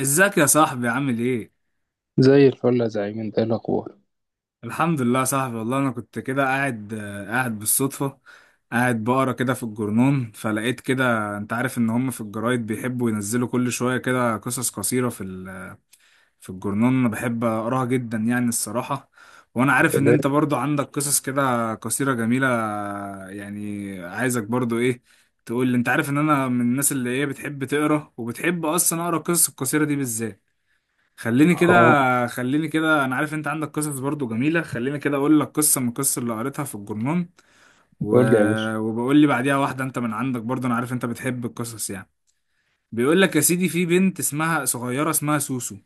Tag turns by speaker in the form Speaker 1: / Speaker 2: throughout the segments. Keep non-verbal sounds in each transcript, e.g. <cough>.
Speaker 1: ازيك يا صاحبي، عامل ايه؟
Speaker 2: زي الفل يا زعيم، انت ايه الاخبار؟
Speaker 1: الحمد لله يا صاحبي، والله انا كنت كده قاعد، قاعد بالصدفة. قاعد بقرا كده في الجرنون فلقيت كده، انت عارف ان هم في الجرايد بيحبوا ينزلوا كل شوية كده قصص قصيرة في الجرنون. انا بحب اقراها جدا يعني الصراحة. وانا عارف ان
Speaker 2: سلام.
Speaker 1: انت برضو عندك قصص كده قصيرة جميلة. يعني عايزك برضو ايه، تقول لي. انت عارف ان انا من الناس اللي ايه، بتحب تقرا وبتحب اصلا اقرا القصص القصيرة دي بالذات. خليني كده،
Speaker 2: اه.
Speaker 1: خليني كده، انا عارف انت عندك قصص برضو جميلة، خليني كده اقول لك قصة من القصص اللي قريتها في الجرنون و...
Speaker 2: قول لي يا باشا.
Speaker 1: وبقول لي بعديها واحدة انت من عندك برضو، انا عارف انت بتحب القصص يعني. بيقول لك يا سيدي، في بنت اسمها صغيرة، اسمها سوسو.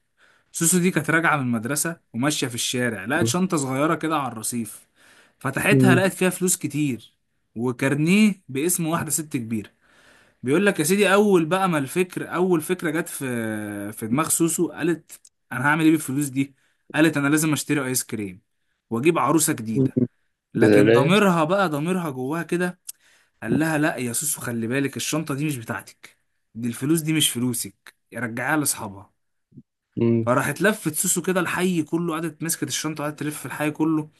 Speaker 1: سوسو دي كانت راجعة من المدرسة وماشية في الشارع، لقت
Speaker 2: مم.
Speaker 1: شنطة صغيرة كده على الرصيف. فتحتها
Speaker 2: مم.
Speaker 1: لقت فيها فلوس كتير وكارنيه باسم واحدة ست كبيرة. بيقول لك يا سيدي، اول بقى ما الفكر، اول فكره جت في دماغ سوسو، قالت انا هعمل ايه بالفلوس دي؟ قالت انا لازم اشتري ايس كريم واجيب عروسه جديده. لكن
Speaker 2: سلام.
Speaker 1: ضميرها بقى، ضميرها جواها كده قال لها لا يا سوسو، خلي بالك، الشنطه دي مش بتاعتك، دي الفلوس دي مش فلوسك، رجعيها لاصحابها.
Speaker 2: مم.
Speaker 1: فراحت لفت سوسو كده الحي كله، قعدت مسكت الشنطة وقعدت تلف في الحي كله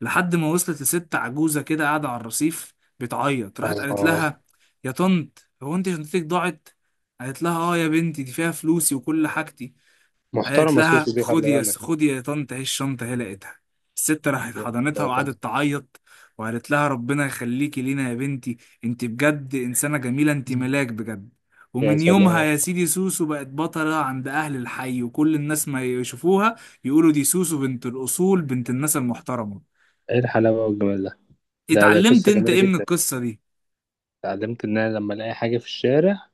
Speaker 1: لحد ما وصلت لست عجوزة كده قاعدة على الرصيف بتعيط، راحت قالت
Speaker 2: اه.
Speaker 1: لها يا طنط، هو انت شنطتك ضاعت؟ قالت لها اه يا بنتي، دي فيها فلوسي وكل حاجتي. قالت
Speaker 2: محترمه سوسو
Speaker 1: لها
Speaker 2: دي، خلي
Speaker 1: خدي يا،
Speaker 2: بالك.
Speaker 1: خدي يا طنط، اهي الشنطة، هي لقيتها. الست راحت
Speaker 2: يا
Speaker 1: حضنتها
Speaker 2: سلام.
Speaker 1: وقعدت تعيط، وقالت لها ربنا يخليكي لينا يا بنتي، انت بجد انسانة جميلة، انت
Speaker 2: مم.
Speaker 1: ملاك بجد.
Speaker 2: يا
Speaker 1: ومن يومها
Speaker 2: سلام،
Speaker 1: يا سيدي سوسو بقت بطلة عند أهل الحي، وكل الناس ما يشوفوها يقولوا دي سوسو، بنت الأصول، بنت الناس المحترمة.
Speaker 2: ايه الحلاوه والجمال ده؟ ده
Speaker 1: اتعلمت
Speaker 2: قصه
Speaker 1: انت
Speaker 2: جميله
Speaker 1: ايه من
Speaker 2: جدا.
Speaker 1: القصة دي؟
Speaker 2: اتعلمت ان انا لما الاقي حاجه في الشارع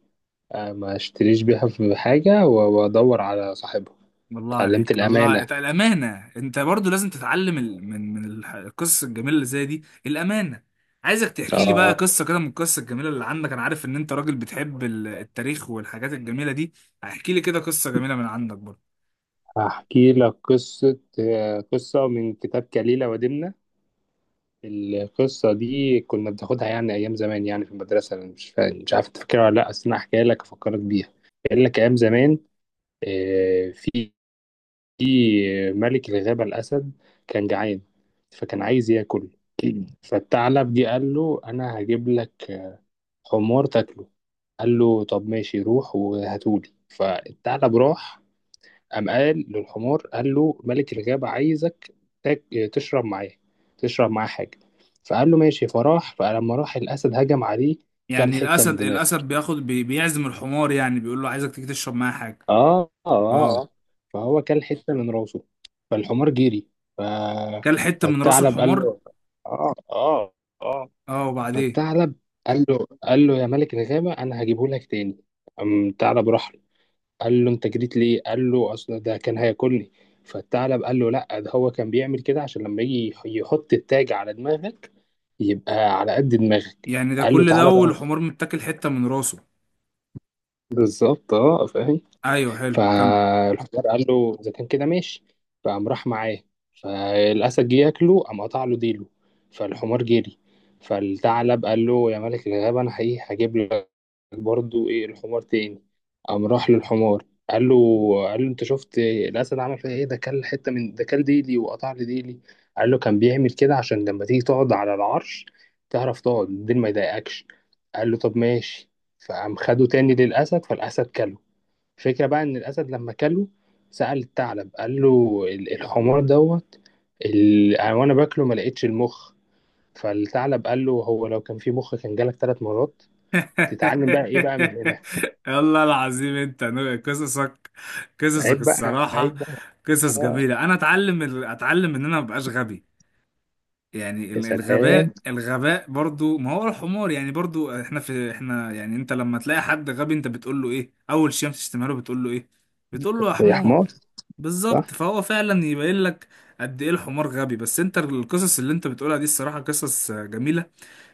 Speaker 2: اه، ما اشتريش بيها، <laughs> في حاجه وادور على صاحبها.
Speaker 1: الله
Speaker 2: اتعلمت
Speaker 1: عليك، الله
Speaker 2: الامانه.
Speaker 1: عليك. الامانه، انت برضو لازم تتعلم من القصص الجميله اللي زي دي، الامانه. عايزك تحكي لي بقى
Speaker 2: اه.
Speaker 1: قصه كده من القصص الجميله اللي عندك، انا عارف ان انت راجل بتحب التاريخ والحاجات الجميله دي. احكي لي كده قصه جميله من عندك برضو.
Speaker 2: هحكي لك قصه، قصه من كتاب كليله ودمنه. القصة دي كنا بناخدها يعني أيام زمان، يعني في المدرسة. أنا مش عارف تفكرها ولا لأ، أصل أنا هحكيها لك أفكرك بيها. قال لك أيام زمان آه، في في ملك الغابة الأسد كان جعان، فكان عايز ياكل. <clears throat> فالثعلب جه قال له أنا هجيب لك حمار تاكله. قال له طب ماشي، روح وهاتولي. فالثعلب راح، قام قال للحمار، قال له ملك الغابة عايزك تاك- تشرب معاه، تشرب معاه حاجة. فقال له ماشي، فراح. فلما راح، الأسد هجم عليه، كل
Speaker 1: يعني
Speaker 2: حتة من
Speaker 1: الاسد،
Speaker 2: دماغه.
Speaker 1: الاسد بياخد بيعزم الحمار، يعني بيقول له عايزك تيجي تشرب معايا حاجه.
Speaker 2: اه اه. اه.
Speaker 1: اه،
Speaker 2: فهو كل حتة من راسه. فالحمار جري. ف...
Speaker 1: كل حته من راس
Speaker 2: فالثعلب قال
Speaker 1: الحمار.
Speaker 2: له. اه اه. اه.
Speaker 1: اه، وبعدين؟
Speaker 2: فالثعلب قال له، قال له يا ملك الغابة أنا هجيبه لك تاني. قام الثعلب راح قال له انت جريت ليه؟ قال له اصل ده كان هياكلني. فالثعلب قال له لا، ده هو كان بيعمل كده عشان لما يجي يحط التاج على دماغك يبقى على قد دماغك.
Speaker 1: يعني ده
Speaker 2: قال له
Speaker 1: كل ده
Speaker 2: تعالى بقى.
Speaker 1: والحمار متاكل حته من راسه؟
Speaker 2: بالظبط، اه، فاهم.
Speaker 1: ايوه، حلو، كمل.
Speaker 2: فالحجار قال له اذا كان كده ماشي. فقام راح معاه، فالاسد جه ياكله، قام قطع له ديله. فالحمار جري. فالثعلب قال له يا ملك الغابه انا حقيقي هجيب لك برضو ايه الحمار تاني. قام راح للحمار، قال له، قال له انت شفت الاسد عمل فيها ايه؟ ده كل ديلي، وقطع لي ديلي. قال له كان بيعمل كده عشان لما تيجي تقعد على العرش تعرف تقعد، الديل ما يضايقكش. قال له طب ماشي. فقام خده تاني للاسد، فالاسد كله. الفكره بقى ان الاسد لما كله سأل الثعلب، قال له الحمار دوت، وانا باكله ما لقيتش المخ. فالثعلب قال له هو لو كان في مخ كان جالك ثلاث مرات. تتعلم بقى ايه بقى من هنا؟
Speaker 1: <laughs> والله العظيم انت قصصك، قصصك
Speaker 2: عيب بقى،
Speaker 1: الصراحة
Speaker 2: عيب بقى.
Speaker 1: قصص
Speaker 2: اه.
Speaker 1: جميلة. انا اتعلم اتعلم ان انا مبقاش غبي. يعني
Speaker 2: يا سلام.
Speaker 1: الغباء، الغباء برضو، ما هو الحمار يعني، برضو احنا، في احنا يعني. انت لما تلاقي حد غبي، انت بتقول له ايه اول شيء، بتشتمها له بتقول له ايه؟ بتقول له يا
Speaker 2: يا
Speaker 1: حمار.
Speaker 2: حمار.
Speaker 1: بالظبط،
Speaker 2: صح.
Speaker 1: فهو فعلا يبين لك قد ايه الحمار غبي. بس انت القصص اللي انت بتقولها دي الصراحة قصص جميلة.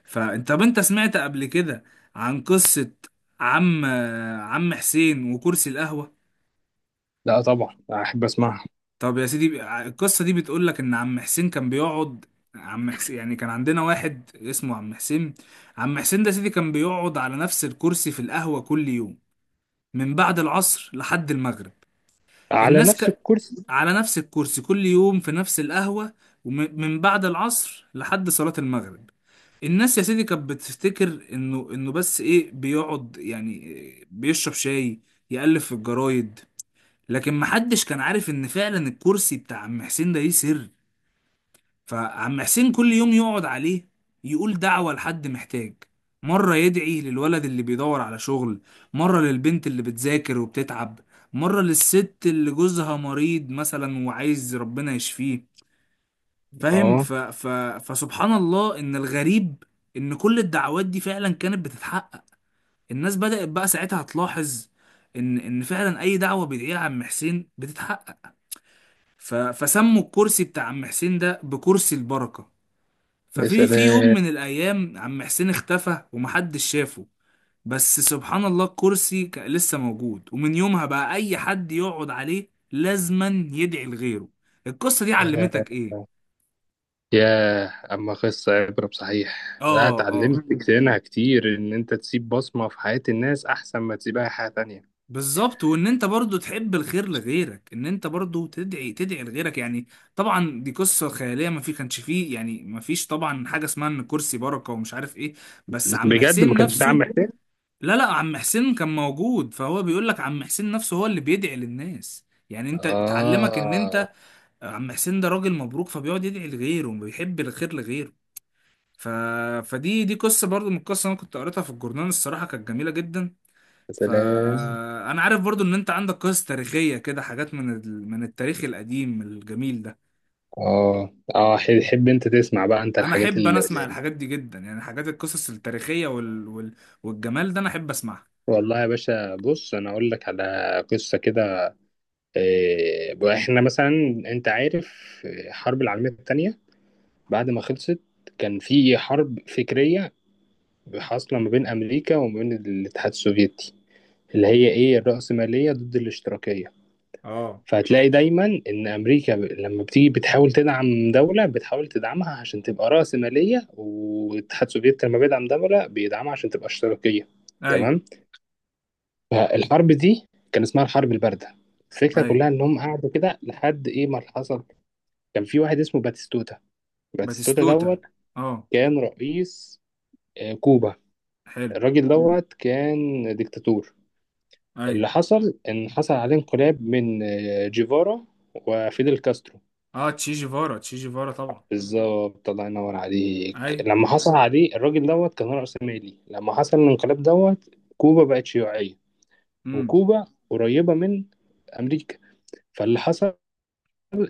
Speaker 1: فانت، طب انت سمعت قبل كده عن قصة عم حسين وكرسي القهوة؟
Speaker 2: لا طبعا، احب اسمعها.
Speaker 1: طب يا سيدي، القصة دي بتقول لك إن عم حسين كان بيقعد. عم حسين يعني كان عندنا واحد اسمه عم حسين. عم حسين ده يا سيدي كان بيقعد على نفس الكرسي في القهوة كل يوم من بعد العصر لحد المغرب.
Speaker 2: على
Speaker 1: الناس
Speaker 2: نفس
Speaker 1: ك...
Speaker 2: الكرسي.
Speaker 1: على نفس الكرسي كل يوم في نفس القهوة، ومن بعد العصر لحد صلاة المغرب. الناس يا سيدي كانت بتفتكر انه بس ايه، بيقعد يعني بيشرب شاي، يألف في الجرايد. لكن محدش كان عارف ان فعلا الكرسي بتاع عم حسين ده ليه سر. فعم حسين كل يوم يقعد عليه، يقول دعوة لحد محتاج. مرة يدعي للولد اللي بيدور على شغل، مرة للبنت اللي بتذاكر وبتتعب، مرة للست اللي جوزها مريض مثلا وعايز ربنا يشفيه. فاهم؟
Speaker 2: اه.
Speaker 1: فسبحان الله ان الغريب ان كل الدعوات دي فعلا كانت بتتحقق. الناس بدأت بقى ساعتها تلاحظ ان فعلا اي دعوة بيدعيها عم حسين بتتحقق. فسموا الكرسي بتاع عم حسين ده بكرسي البركة.
Speaker 2: يا
Speaker 1: ففي يوم
Speaker 2: سلام.
Speaker 1: من الأيام عم حسين اختفى ومحدش شافه. بس سبحان الله الكرسي كان لسه موجود، ومن يومها بقى أي حد يقعد عليه لازما يدعي لغيره. القصة دي
Speaker 2: يا
Speaker 1: علمتك إيه؟
Speaker 2: يا اما قصه عبره بصحيح. لا
Speaker 1: آه، آه،
Speaker 2: اتعلمت منها كتير، ان انت تسيب بصمه في حياه الناس احسن ما تسيبها في حياه تانية.
Speaker 1: بالظبط. وان انت برضو تحب الخير لغيرك، ان انت برضو تدعي، تدعي لغيرك يعني. طبعا دي قصة خيالية، ما في كانش فيه يعني، ما فيش طبعا حاجة اسمها ان كرسي بركة ومش عارف ايه. بس عم
Speaker 2: بجد ما
Speaker 1: حسين
Speaker 2: كانش في عم
Speaker 1: نفسه،
Speaker 2: حسين؟
Speaker 1: لا لا، عم حسين كان موجود. فهو بيقول لك عم حسين نفسه هو اللي بيدعي للناس، يعني انت بتعلمك ان
Speaker 2: اه.
Speaker 1: انت، عم حسين ده راجل مبروك، فبيقعد يدعي لغيره وبيحب الخير لغيره. ف... فدي، دي قصة برضو من القصة انا كنت قريتها في الجورنال، الصراحة كانت جميلة جدا.
Speaker 2: يا سلام.
Speaker 1: فانا عارف برضو ان انت عندك قصص تاريخية كده، حاجات من من التاريخ القديم الجميل ده.
Speaker 2: اه اه. حب انت تسمع بقى انت
Speaker 1: انا
Speaker 2: الحاجات
Speaker 1: احب، انا
Speaker 2: اللي.
Speaker 1: اسمع الحاجات دي جدا، يعني حاجات القصص التاريخية والجمال ده انا احب اسمعها.
Speaker 2: والله يا باشا، بص انا اقول لك على قصه كده. احنا مثلا، انت عارف الحرب العالمية التانية بعد ما خلصت كان في حرب فكرية حاصلة ما بين أمريكا وما بين الاتحاد السوفيتي، اللي هي إيه الرأسمالية ضد الاشتراكية.
Speaker 1: اه.
Speaker 2: فهتلاقي دايما إن لما بتيجي بتحاول تدعم دولة، بتحاول تدعمها عشان تبقى رأسمالية، والاتحاد السوفيتي لما بيدعم دولة بيدعمها عشان تبقى اشتراكية.
Speaker 1: ايوه،
Speaker 2: تمام. فالحرب دي كان اسمها الحرب الباردة. الفكرة
Speaker 1: ايوه.
Speaker 2: كلها إنهم قعدوا كده لحد إيه ما حصل. كان في واحد اسمه باتيستوتا. باتيستوتا
Speaker 1: باتيستوتا.
Speaker 2: دوت
Speaker 1: اه،
Speaker 2: كان رئيس كوبا.
Speaker 1: حلو.
Speaker 2: الراجل دوت كان ديكتاتور.
Speaker 1: اي.
Speaker 2: اللي حصل ان حصل عليه انقلاب من جيفارا وفيدل كاسترو.
Speaker 1: اه، تشي جيفارا، تشي جيفارا طبعا.
Speaker 2: بالظبط، الله ينور
Speaker 1: اي.
Speaker 2: عليك. لما حصل عليه الراجل دوت كان رأس مالي، لما حصل الانقلاب دوت كوبا بقت شيوعية.
Speaker 1: امم.
Speaker 2: وكوبا قريبة من أمريكا. فاللي حصل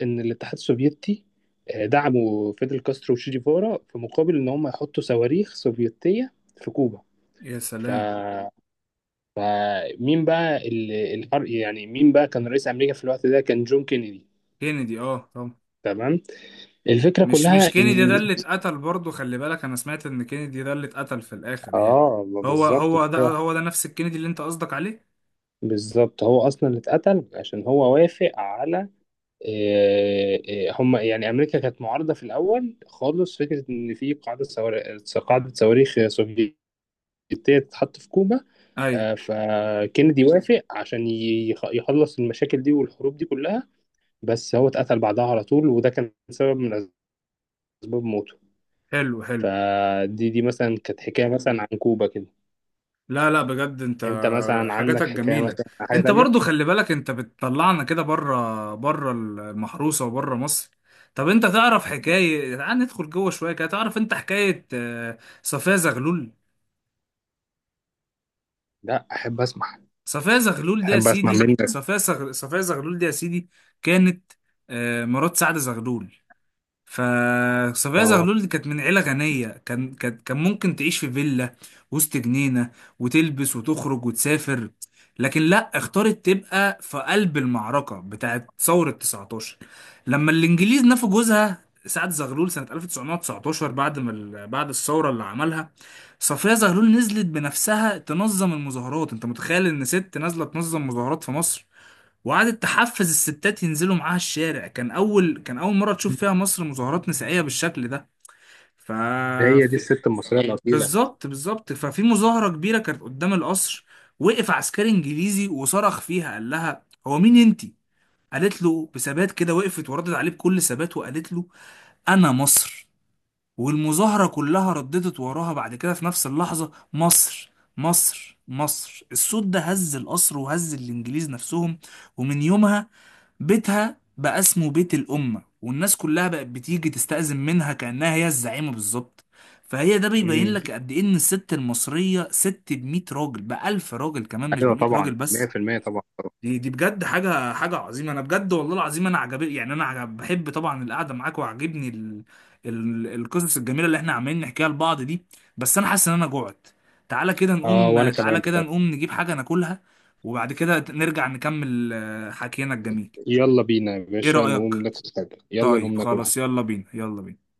Speaker 2: ان الاتحاد السوفيتي دعموا فيدل كاسترو وشي جيفارا في مقابل ان هم يحطوا صواريخ سوفيتيه في كوبا.
Speaker 1: يا
Speaker 2: ف...
Speaker 1: سلام.
Speaker 2: فمين بقى يعني مين بقى كان رئيس امريكا في الوقت ده؟ كان جون كينيدي.
Speaker 1: كينيدي، اه طبعا.
Speaker 2: تمام. الفكره
Speaker 1: مش، مش
Speaker 2: كلها
Speaker 1: كينيدي ده
Speaker 2: ان
Speaker 1: اللي اتقتل برضه؟ خلي بالك، انا سمعت ان كينيدي ده اللي اتقتل في الاخر يعني.
Speaker 2: اه، ما
Speaker 1: هو،
Speaker 2: بالظبط.
Speaker 1: هو ده، هو ده نفس الكينيدي اللي انت قصدك عليه.
Speaker 2: بالظبط، هو اصلا اللي اتقتل عشان هو وافق على هم، يعني امريكا كانت معارضه في الاول خالص فكره ان في قاعده صواريخ سوفيتيه ديت تتحط في كوبا.
Speaker 1: اي.
Speaker 2: فكندي وافق عشان يخلص المشاكل دي والحروب دي كلها، بس هو اتقتل بعدها على طول وده كان سبب من اسباب موته.
Speaker 1: حلو، حلو.
Speaker 2: فدي مثلا كانت حكايه مثلا عن كوبا كده.
Speaker 1: لا لا، بجد انت
Speaker 2: انت مثلا عندك
Speaker 1: حاجاتك
Speaker 2: حكايه
Speaker 1: جميلة.
Speaker 2: مثلا عن حاجه
Speaker 1: انت
Speaker 2: تانية؟
Speaker 1: برضو خلي بالك انت بتطلعنا كده بره، بره المحروسة وبره مصر. طب انت تعرف حكاية، تعال ندخل جوه شوية كده، تعرف انت حكاية صفية زغلول؟
Speaker 2: لا، احب اسمع.
Speaker 1: صفية زغلول دي يا
Speaker 2: احب اسمع
Speaker 1: سيدي،
Speaker 2: منك.
Speaker 1: صفية زغلول دي يا سيدي كانت مرات سعد زغلول. فصفية
Speaker 2: اه.
Speaker 1: زغلول دي كانت من عيلة غنية، كان ممكن تعيش في فيلا وسط جنينة، وتلبس وتخرج وتسافر. لكن لا، اختارت تبقى في قلب المعركة بتاعت ثورة 19، لما الإنجليز نفوا جوزها سعد زغلول سنة 1919 بعد ما بعد الثورة اللي عملها. صفية زغلول نزلت بنفسها تنظم المظاهرات، انت متخيل ان ست نازلة تنظم مظاهرات في مصر؟ وقعدت تحفز الستات ينزلوا معاها الشارع، كان اول، كان اول مره تشوف فيها مصر مظاهرات نسائيه بالشكل ده. ف
Speaker 2: هي دي
Speaker 1: في-
Speaker 2: الست المصريه الاصيله.
Speaker 1: بالظبط، بالظبط. ففي مظاهره كبيره كانت قدام القصر، وقف عسكري انجليزي وصرخ فيها، قال لها هو مين انتي؟ قالت له بثبات كده، وقفت وردت عليه بكل ثبات وقالت له انا مصر. والمظاهره كلها رددت وراها بعد كده في نفس اللحظه: مصر، مصر، مصر. الصوت ده هز القصر وهز الانجليز نفسهم. ومن يومها بيتها بقى اسمه بيت الأمة، والناس كلها بقت بتيجي تستأذن منها كأنها هي الزعيمة بالظبط. فهي ده بيبين
Speaker 2: امم.
Speaker 1: لك قد إيه إن الست المصرية ست بمية راجل، بألف راجل كمان، مش
Speaker 2: ايوه
Speaker 1: بمية
Speaker 2: طبعا،
Speaker 1: راجل بس.
Speaker 2: 100% طبعا طبعا.
Speaker 1: دي بجد حاجة، حاجة عظيمة. أنا بجد والله العظيم أنا عجب يعني، أنا عجب. بحب طبعا القعدة معاك، وعاجبني القصص الجميلة اللي إحنا عمالين نحكيها لبعض دي. بس أنا حاسس إن أنا جوعت. تعالى كده
Speaker 2: اه، وانا
Speaker 1: نقوم،
Speaker 2: كمان
Speaker 1: تعالى كده
Speaker 2: بصراحه.
Speaker 1: نقوم نجيب حاجة ناكلها، وبعد كده نرجع نكمل حكينا الجميل.
Speaker 2: يلا بينا يا
Speaker 1: ايه
Speaker 2: باشا نقوم
Speaker 1: رأيك؟
Speaker 2: ناكل حاجه، يلا نقوم
Speaker 1: طيب
Speaker 2: ناكل
Speaker 1: خلاص،
Speaker 2: حاجة.
Speaker 1: يلا بينا، يلا بينا.